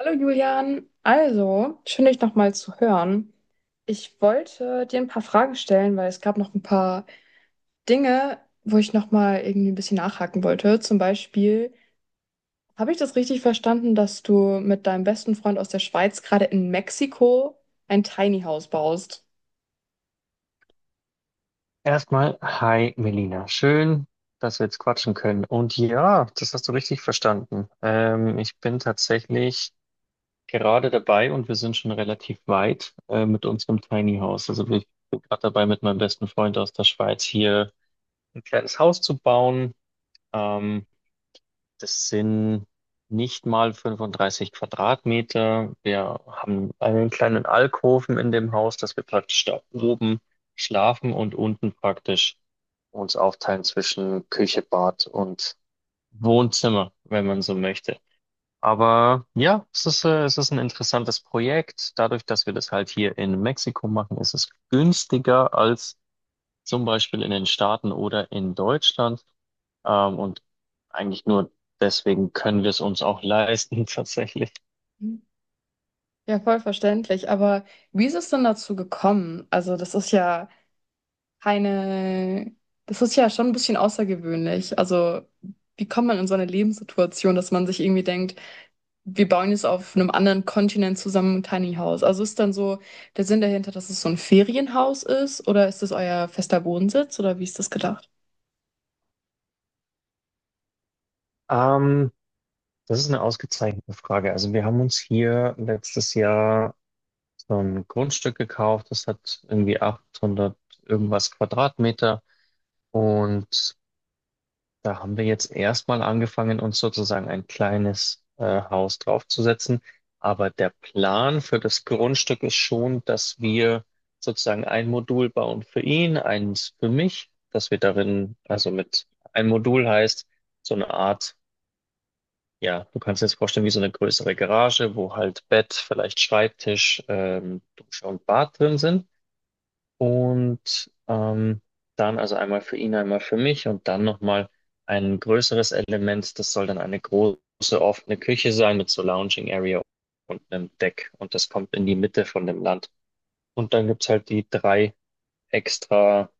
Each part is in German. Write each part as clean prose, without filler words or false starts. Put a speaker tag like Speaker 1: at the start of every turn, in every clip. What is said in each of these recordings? Speaker 1: Hallo Julian, also schön dich nochmal zu hören. Ich wollte dir ein paar Fragen stellen, weil es gab noch ein paar Dinge, wo ich nochmal irgendwie ein bisschen nachhaken wollte. Zum Beispiel, habe ich das richtig verstanden, dass du mit deinem besten Freund aus der Schweiz gerade in Mexiko ein Tiny House baust?
Speaker 2: Erstmal, hi Melina. Schön, dass wir jetzt quatschen können. Und ja, das hast du richtig verstanden. Ich bin tatsächlich gerade dabei und wir sind schon relativ weit mit unserem Tiny House. Also ich bin gerade dabei, mit meinem besten Freund aus der Schweiz hier ein kleines Haus zu bauen. Ähm, das sind nicht mal 35 Quadratmeter. Wir haben einen kleinen Alkoven in dem Haus, dass wir praktisch da oben schlafen und unten praktisch uns aufteilen zwischen Küche, Bad und Wohnzimmer, wenn man so möchte. Aber ja, es ist ein interessantes Projekt. Dadurch, dass wir das halt hier in Mexiko machen, ist es günstiger als zum Beispiel in den Staaten oder in Deutschland. Und eigentlich nur deswegen können wir es uns auch leisten, tatsächlich.
Speaker 1: Hm. Ja, voll verständlich. Aber wie ist es denn dazu gekommen? Also, das ist ja keine das ist ja schon ein bisschen außergewöhnlich. Also, wie kommt man in so eine Lebenssituation, dass man sich irgendwie denkt, wir bauen jetzt auf einem anderen Kontinent zusammen ein Tiny House? Also ist dann so der Sinn dahinter, dass es so ein Ferienhaus ist oder ist es euer fester Wohnsitz oder wie ist das gedacht?
Speaker 2: Ähm, das ist eine ausgezeichnete Frage. Also wir haben uns hier letztes Jahr so ein Grundstück gekauft. Das hat irgendwie 800 irgendwas Quadratmeter. Und Da haben wir jetzt erstmal angefangen, uns sozusagen ein kleines Haus draufzusetzen. Aber der Plan für das Grundstück ist schon, dass wir sozusagen ein Modul bauen für ihn, eins für mich, dass wir darin, also mit ein Modul heißt so eine Art, ja, du kannst dir jetzt vorstellen, wie so eine größere Garage, wo halt Bett, vielleicht Schreibtisch, Dusche und Bad drin sind. Und ähm, dann also einmal für ihn, einmal für mich und dann nochmal ein größeres Element. Das soll dann eine große offene Küche sein mit so Lounging Area und einem Deck. Und das kommt in die Mitte von dem Land. Und dann gibt's halt die drei extra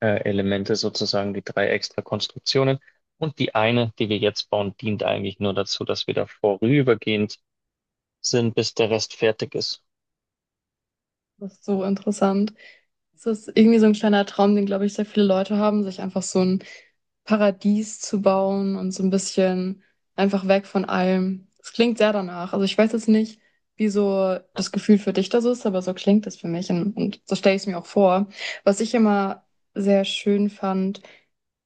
Speaker 2: Elemente sozusagen, die drei extra Konstruktionen. Und die eine, die wir jetzt bauen, dient eigentlich nur dazu, dass wir da vorübergehend sind, bis der Rest fertig ist.
Speaker 1: Das ist so interessant. Es ist irgendwie so ein kleiner Traum, den, glaube ich, sehr viele Leute haben, sich einfach so ein Paradies zu bauen und so ein bisschen einfach weg von allem. Es klingt sehr danach. Also ich weiß jetzt nicht, wie so das Gefühl für dich da so ist, aber so klingt es für mich und so stelle ich es mir auch vor. Was ich immer sehr schön fand,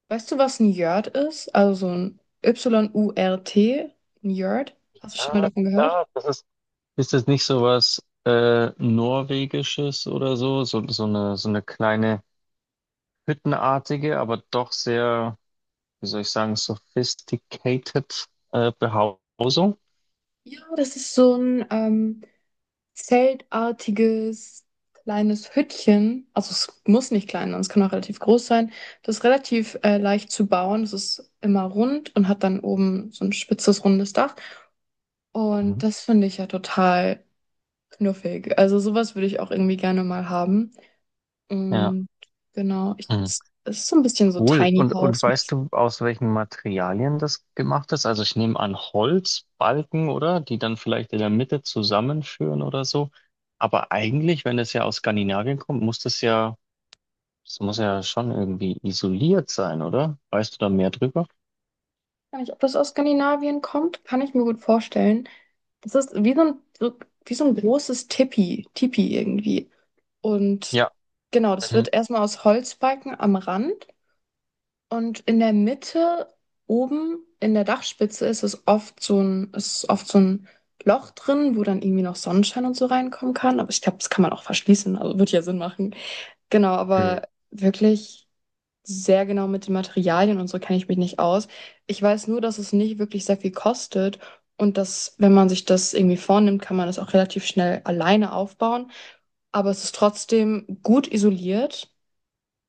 Speaker 1: weißt du, was ein Yurt ist? Also so ein Yurt, ein Yurt. Hast du schon mal
Speaker 2: Ja,
Speaker 1: davon gehört?
Speaker 2: klar, das ist Ist das nicht so was Norwegisches oder so? So, so eine kleine hüttenartige, aber doch sehr, wie soll ich sagen, sophisticated Behausung?
Speaker 1: Ja, das ist so ein zeltartiges kleines Hüttchen. Also es muss nicht klein sein, es kann auch relativ groß sein. Das ist relativ leicht zu bauen. Es ist immer rund und hat dann oben so ein spitzes, rundes Dach. Und
Speaker 2: Mhm.
Speaker 1: das finde ich ja total knuffig. Also sowas würde ich auch irgendwie gerne mal haben.
Speaker 2: Ja,
Speaker 1: Und genau,
Speaker 2: hm.
Speaker 1: es ist so ein bisschen so
Speaker 2: Cool.
Speaker 1: Tiny
Speaker 2: Und
Speaker 1: House.
Speaker 2: weißt du, aus welchen Materialien das gemacht ist? Also ich nehme an Holzbalken, oder? Die dann vielleicht in der Mitte zusammenführen oder so. Aber eigentlich, wenn das ja aus Skandinavien kommt, das muss ja schon irgendwie isoliert sein, oder? Weißt du da mehr drüber?
Speaker 1: Gar nicht, ob das aus Skandinavien kommt, kann ich mir gut vorstellen. Das ist wie so ein großes Tipi irgendwie. Und
Speaker 2: Ja.
Speaker 1: genau, das
Speaker 2: Mhm.
Speaker 1: wird erstmal aus Holzbalken am Rand und in der Mitte oben in der Dachspitze ist oft so ein Loch drin, wo dann irgendwie noch Sonnenschein und so reinkommen kann. Aber ich glaube, das kann man auch verschließen, also wird ja Sinn machen. Genau,
Speaker 2: Mhm.
Speaker 1: aber wirklich sehr genau mit den Materialien und so kenne ich mich nicht aus. Ich weiß nur, dass es nicht wirklich sehr viel kostet und dass, wenn man sich das irgendwie vornimmt, kann man das auch relativ schnell alleine aufbauen. Aber es ist trotzdem gut isoliert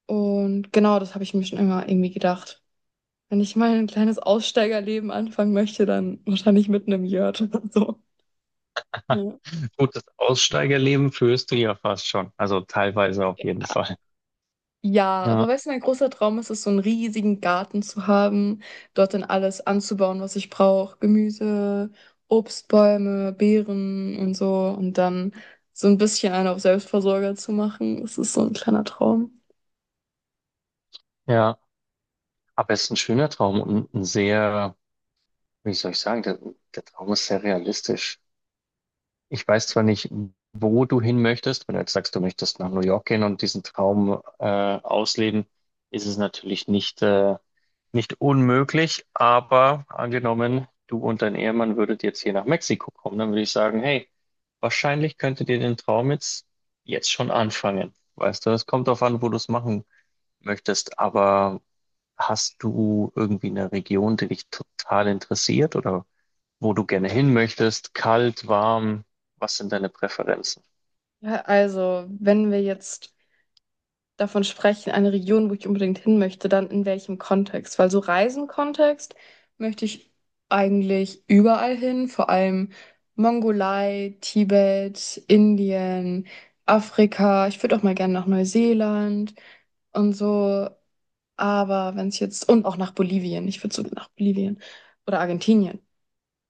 Speaker 1: und genau das habe ich mir schon immer irgendwie gedacht. Wenn ich mal ein kleines Aussteigerleben anfangen möchte, dann wahrscheinlich mit einem Yurt oder so. Ja.
Speaker 2: Gut, das Aussteigerleben führst du ja fast schon. Also teilweise auf jeden Fall.
Speaker 1: Ja, aber
Speaker 2: Ja,
Speaker 1: weißt du, mein großer Traum ist es, so einen riesigen Garten zu haben, dort dann alles anzubauen, was ich brauche. Gemüse, Obstbäume, Beeren und so. Und dann so ein bisschen einen auf Selbstversorger zu machen. Das ist so ein kleiner Traum.
Speaker 2: ja. Aber es ist ein schöner Traum und ein sehr, wie soll ich sagen, der Traum ist sehr realistisch. Ich weiß zwar nicht, wo du hin möchtest. Wenn du jetzt sagst, du möchtest nach New York gehen und diesen Traum ausleben, ist es natürlich nicht unmöglich, aber angenommen, du und dein Ehemann würdet jetzt hier nach Mexiko kommen, dann würde ich sagen, hey, wahrscheinlich könntet ihr den Traum jetzt schon anfangen. Weißt du, es kommt darauf an, wo du es machen möchtest, aber hast du irgendwie eine Region, die dich total interessiert oder wo du gerne hin möchtest, kalt, warm, was sind deine Präferenzen?
Speaker 1: Ja, also, wenn wir jetzt davon sprechen, eine Region, wo ich unbedingt hin möchte, dann in welchem Kontext? Weil so Reisenkontext möchte ich eigentlich überall hin, vor allem Mongolei, Tibet, Indien, Afrika. Ich würde auch mal gerne nach Neuseeland und so. Aber wenn es jetzt, und auch nach Bolivien, ich würde sogar nach Bolivien oder Argentinien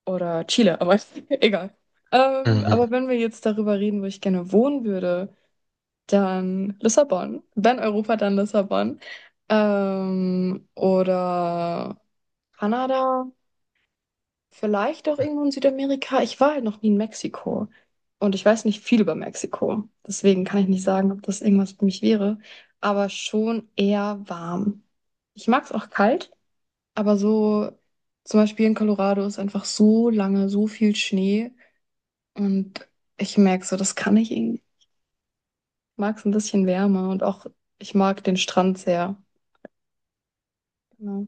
Speaker 1: oder Chile, aber egal.
Speaker 2: Mhm.
Speaker 1: Aber wenn wir jetzt darüber reden, wo ich gerne wohnen würde, dann Lissabon. Wenn Europa, dann Lissabon. Oder Kanada. Vielleicht auch irgendwo in Südamerika. Ich war halt noch nie in Mexiko. Und ich weiß nicht viel über Mexiko. Deswegen kann ich nicht sagen, ob das irgendwas für mich wäre. Aber schon eher warm. Ich mag es auch kalt, aber so zum Beispiel in Colorado ist einfach so lange, so viel Schnee. Und ich merke so, das kann ich irgendwie. Mag es ein bisschen wärmer und auch ich mag den Strand sehr. Genau.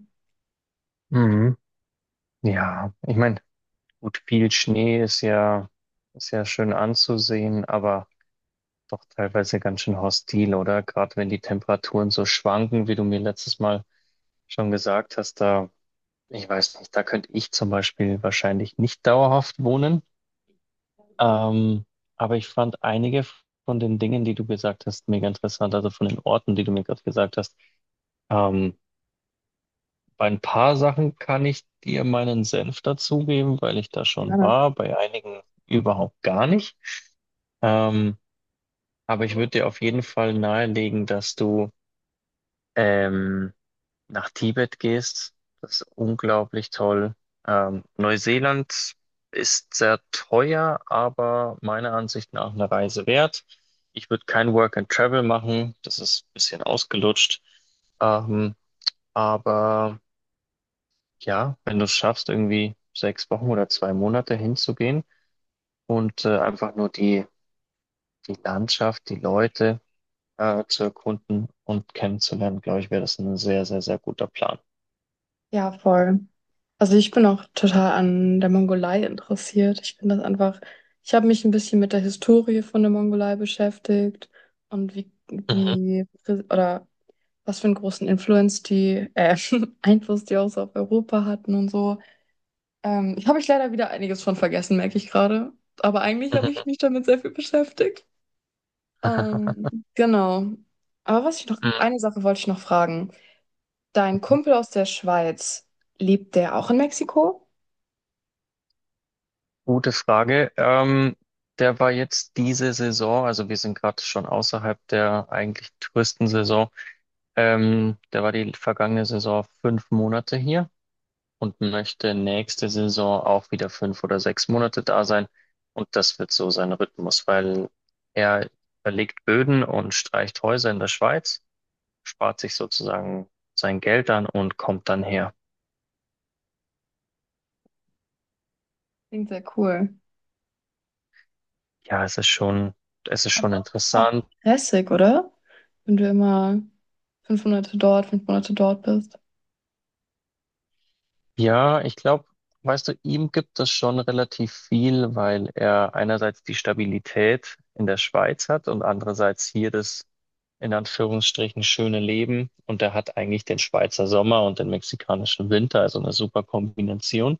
Speaker 2: Mhm. Ja, ich meine, gut, viel Schnee ist ja schön anzusehen, aber doch teilweise ganz schön hostil, oder? Gerade wenn die Temperaturen so schwanken, wie du mir letztes Mal schon gesagt hast, da, ich weiß nicht, da könnte ich zum Beispiel wahrscheinlich nicht dauerhaft wohnen. Ähm, aber ich fand einige von den Dingen, die du gesagt hast, mega interessant, also von den Orten, die du mir gerade gesagt hast. Ähm, Bei ein paar Sachen kann ich dir meinen Senf dazugeben, weil ich da schon
Speaker 1: Gerne.
Speaker 2: war, bei einigen überhaupt gar nicht. Ähm, aber ich würde dir auf jeden Fall nahelegen, dass du ähm, nach Tibet gehst. Das ist unglaublich toll. Neuseeland ist sehr teuer, aber meiner Ansicht nach eine Reise wert. Ich würde kein Work and Travel machen, das ist ein bisschen ausgelutscht. Ähm, aber Ja, wenn du es schaffst, irgendwie 6 Wochen oder 2 Monate hinzugehen und einfach nur die Landschaft, die Leute zu erkunden und kennenzulernen, glaube ich, wäre das ein sehr, sehr, sehr guter Plan.
Speaker 1: Ja, voll. Also ich bin auch total an der Mongolei interessiert. Ich finde das einfach, ich habe mich ein bisschen mit der Historie von der Mongolei beschäftigt und
Speaker 2: Mhm.
Speaker 1: oder was für einen großen Influence die, Einfluss die auch so auf Europa hatten und so. Habe ich leider wieder einiges von vergessen, merke ich gerade. Aber eigentlich habe ich mich damit sehr viel beschäftigt. Genau. Aber was ich noch,
Speaker 2: Mhm.
Speaker 1: eine Sache wollte ich noch fragen. Dein
Speaker 2: Mhm.
Speaker 1: Kumpel aus der Schweiz, lebt der auch in Mexiko?
Speaker 2: Gute Frage. Der war jetzt diese Saison, also wir sind gerade schon außerhalb der eigentlich Touristensaison. Der war die vergangene Saison 5 Monate hier. Und möchte nächste Saison auch wieder 5 oder 6 Monate da sein. Und das wird so sein Rhythmus, weil er verlegt Böden und streicht Häuser in der Schweiz, spart sich sozusagen sein Geld an und kommt dann her.
Speaker 1: Klingt sehr cool.
Speaker 2: Ja, es ist schon
Speaker 1: Aber auch
Speaker 2: interessant.
Speaker 1: stressig, oder? Wenn du immer 5 Monate dort, 5 Monate dort bist.
Speaker 2: Ja, ich glaube, weißt du, ihm gibt es schon relativ viel, weil er einerseits die Stabilität in der Schweiz hat und andererseits hier das in Anführungsstrichen schöne Leben. Und er hat eigentlich den Schweizer Sommer und den mexikanischen Winter, also eine super Kombination,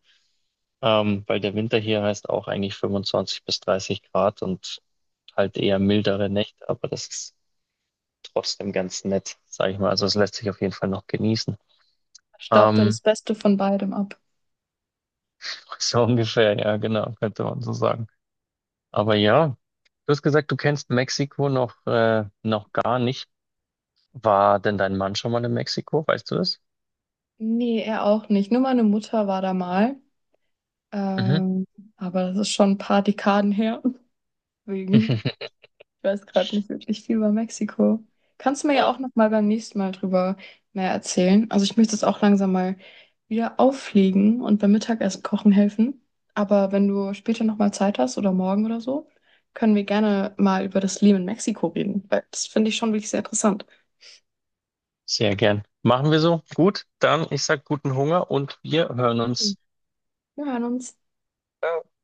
Speaker 2: weil der Winter hier heißt auch eigentlich 25 bis 30 Grad und halt eher mildere Nächte, aber das ist trotzdem ganz nett, sag ich mal. Also es lässt sich auf jeden Fall noch genießen.
Speaker 1: Staubt er
Speaker 2: Ähm,
Speaker 1: das Beste von beidem ab?
Speaker 2: so ungefähr, ja, genau, könnte man so sagen. Aber ja, du hast gesagt, du kennst Mexiko noch gar nicht. War denn dein Mann schon mal in Mexiko? Weißt du das?
Speaker 1: Nee, er auch nicht. Nur meine Mutter war da mal.
Speaker 2: Mhm.
Speaker 1: Ähm, aber das ist schon ein paar Dekaden her. Deswegen. Ich weiß gerade nicht wirklich viel über Mexiko. Kannst du mir ja
Speaker 2: Ja,
Speaker 1: auch noch mal beim nächsten Mal drüber mehr erzählen? Also ich möchte es auch langsam mal wieder auffliegen und beim Mittagessen kochen helfen. Aber wenn du später noch mal Zeit hast oder morgen oder so, können wir gerne mal über das Leben in Mexiko reden, weil das finde ich schon wirklich sehr interessant.
Speaker 2: sehr gern. Machen wir so. Gut, dann ich sag guten Hunger und wir hören
Speaker 1: Schön.
Speaker 2: uns.
Speaker 1: Wir hören uns.
Speaker 2: Ciao.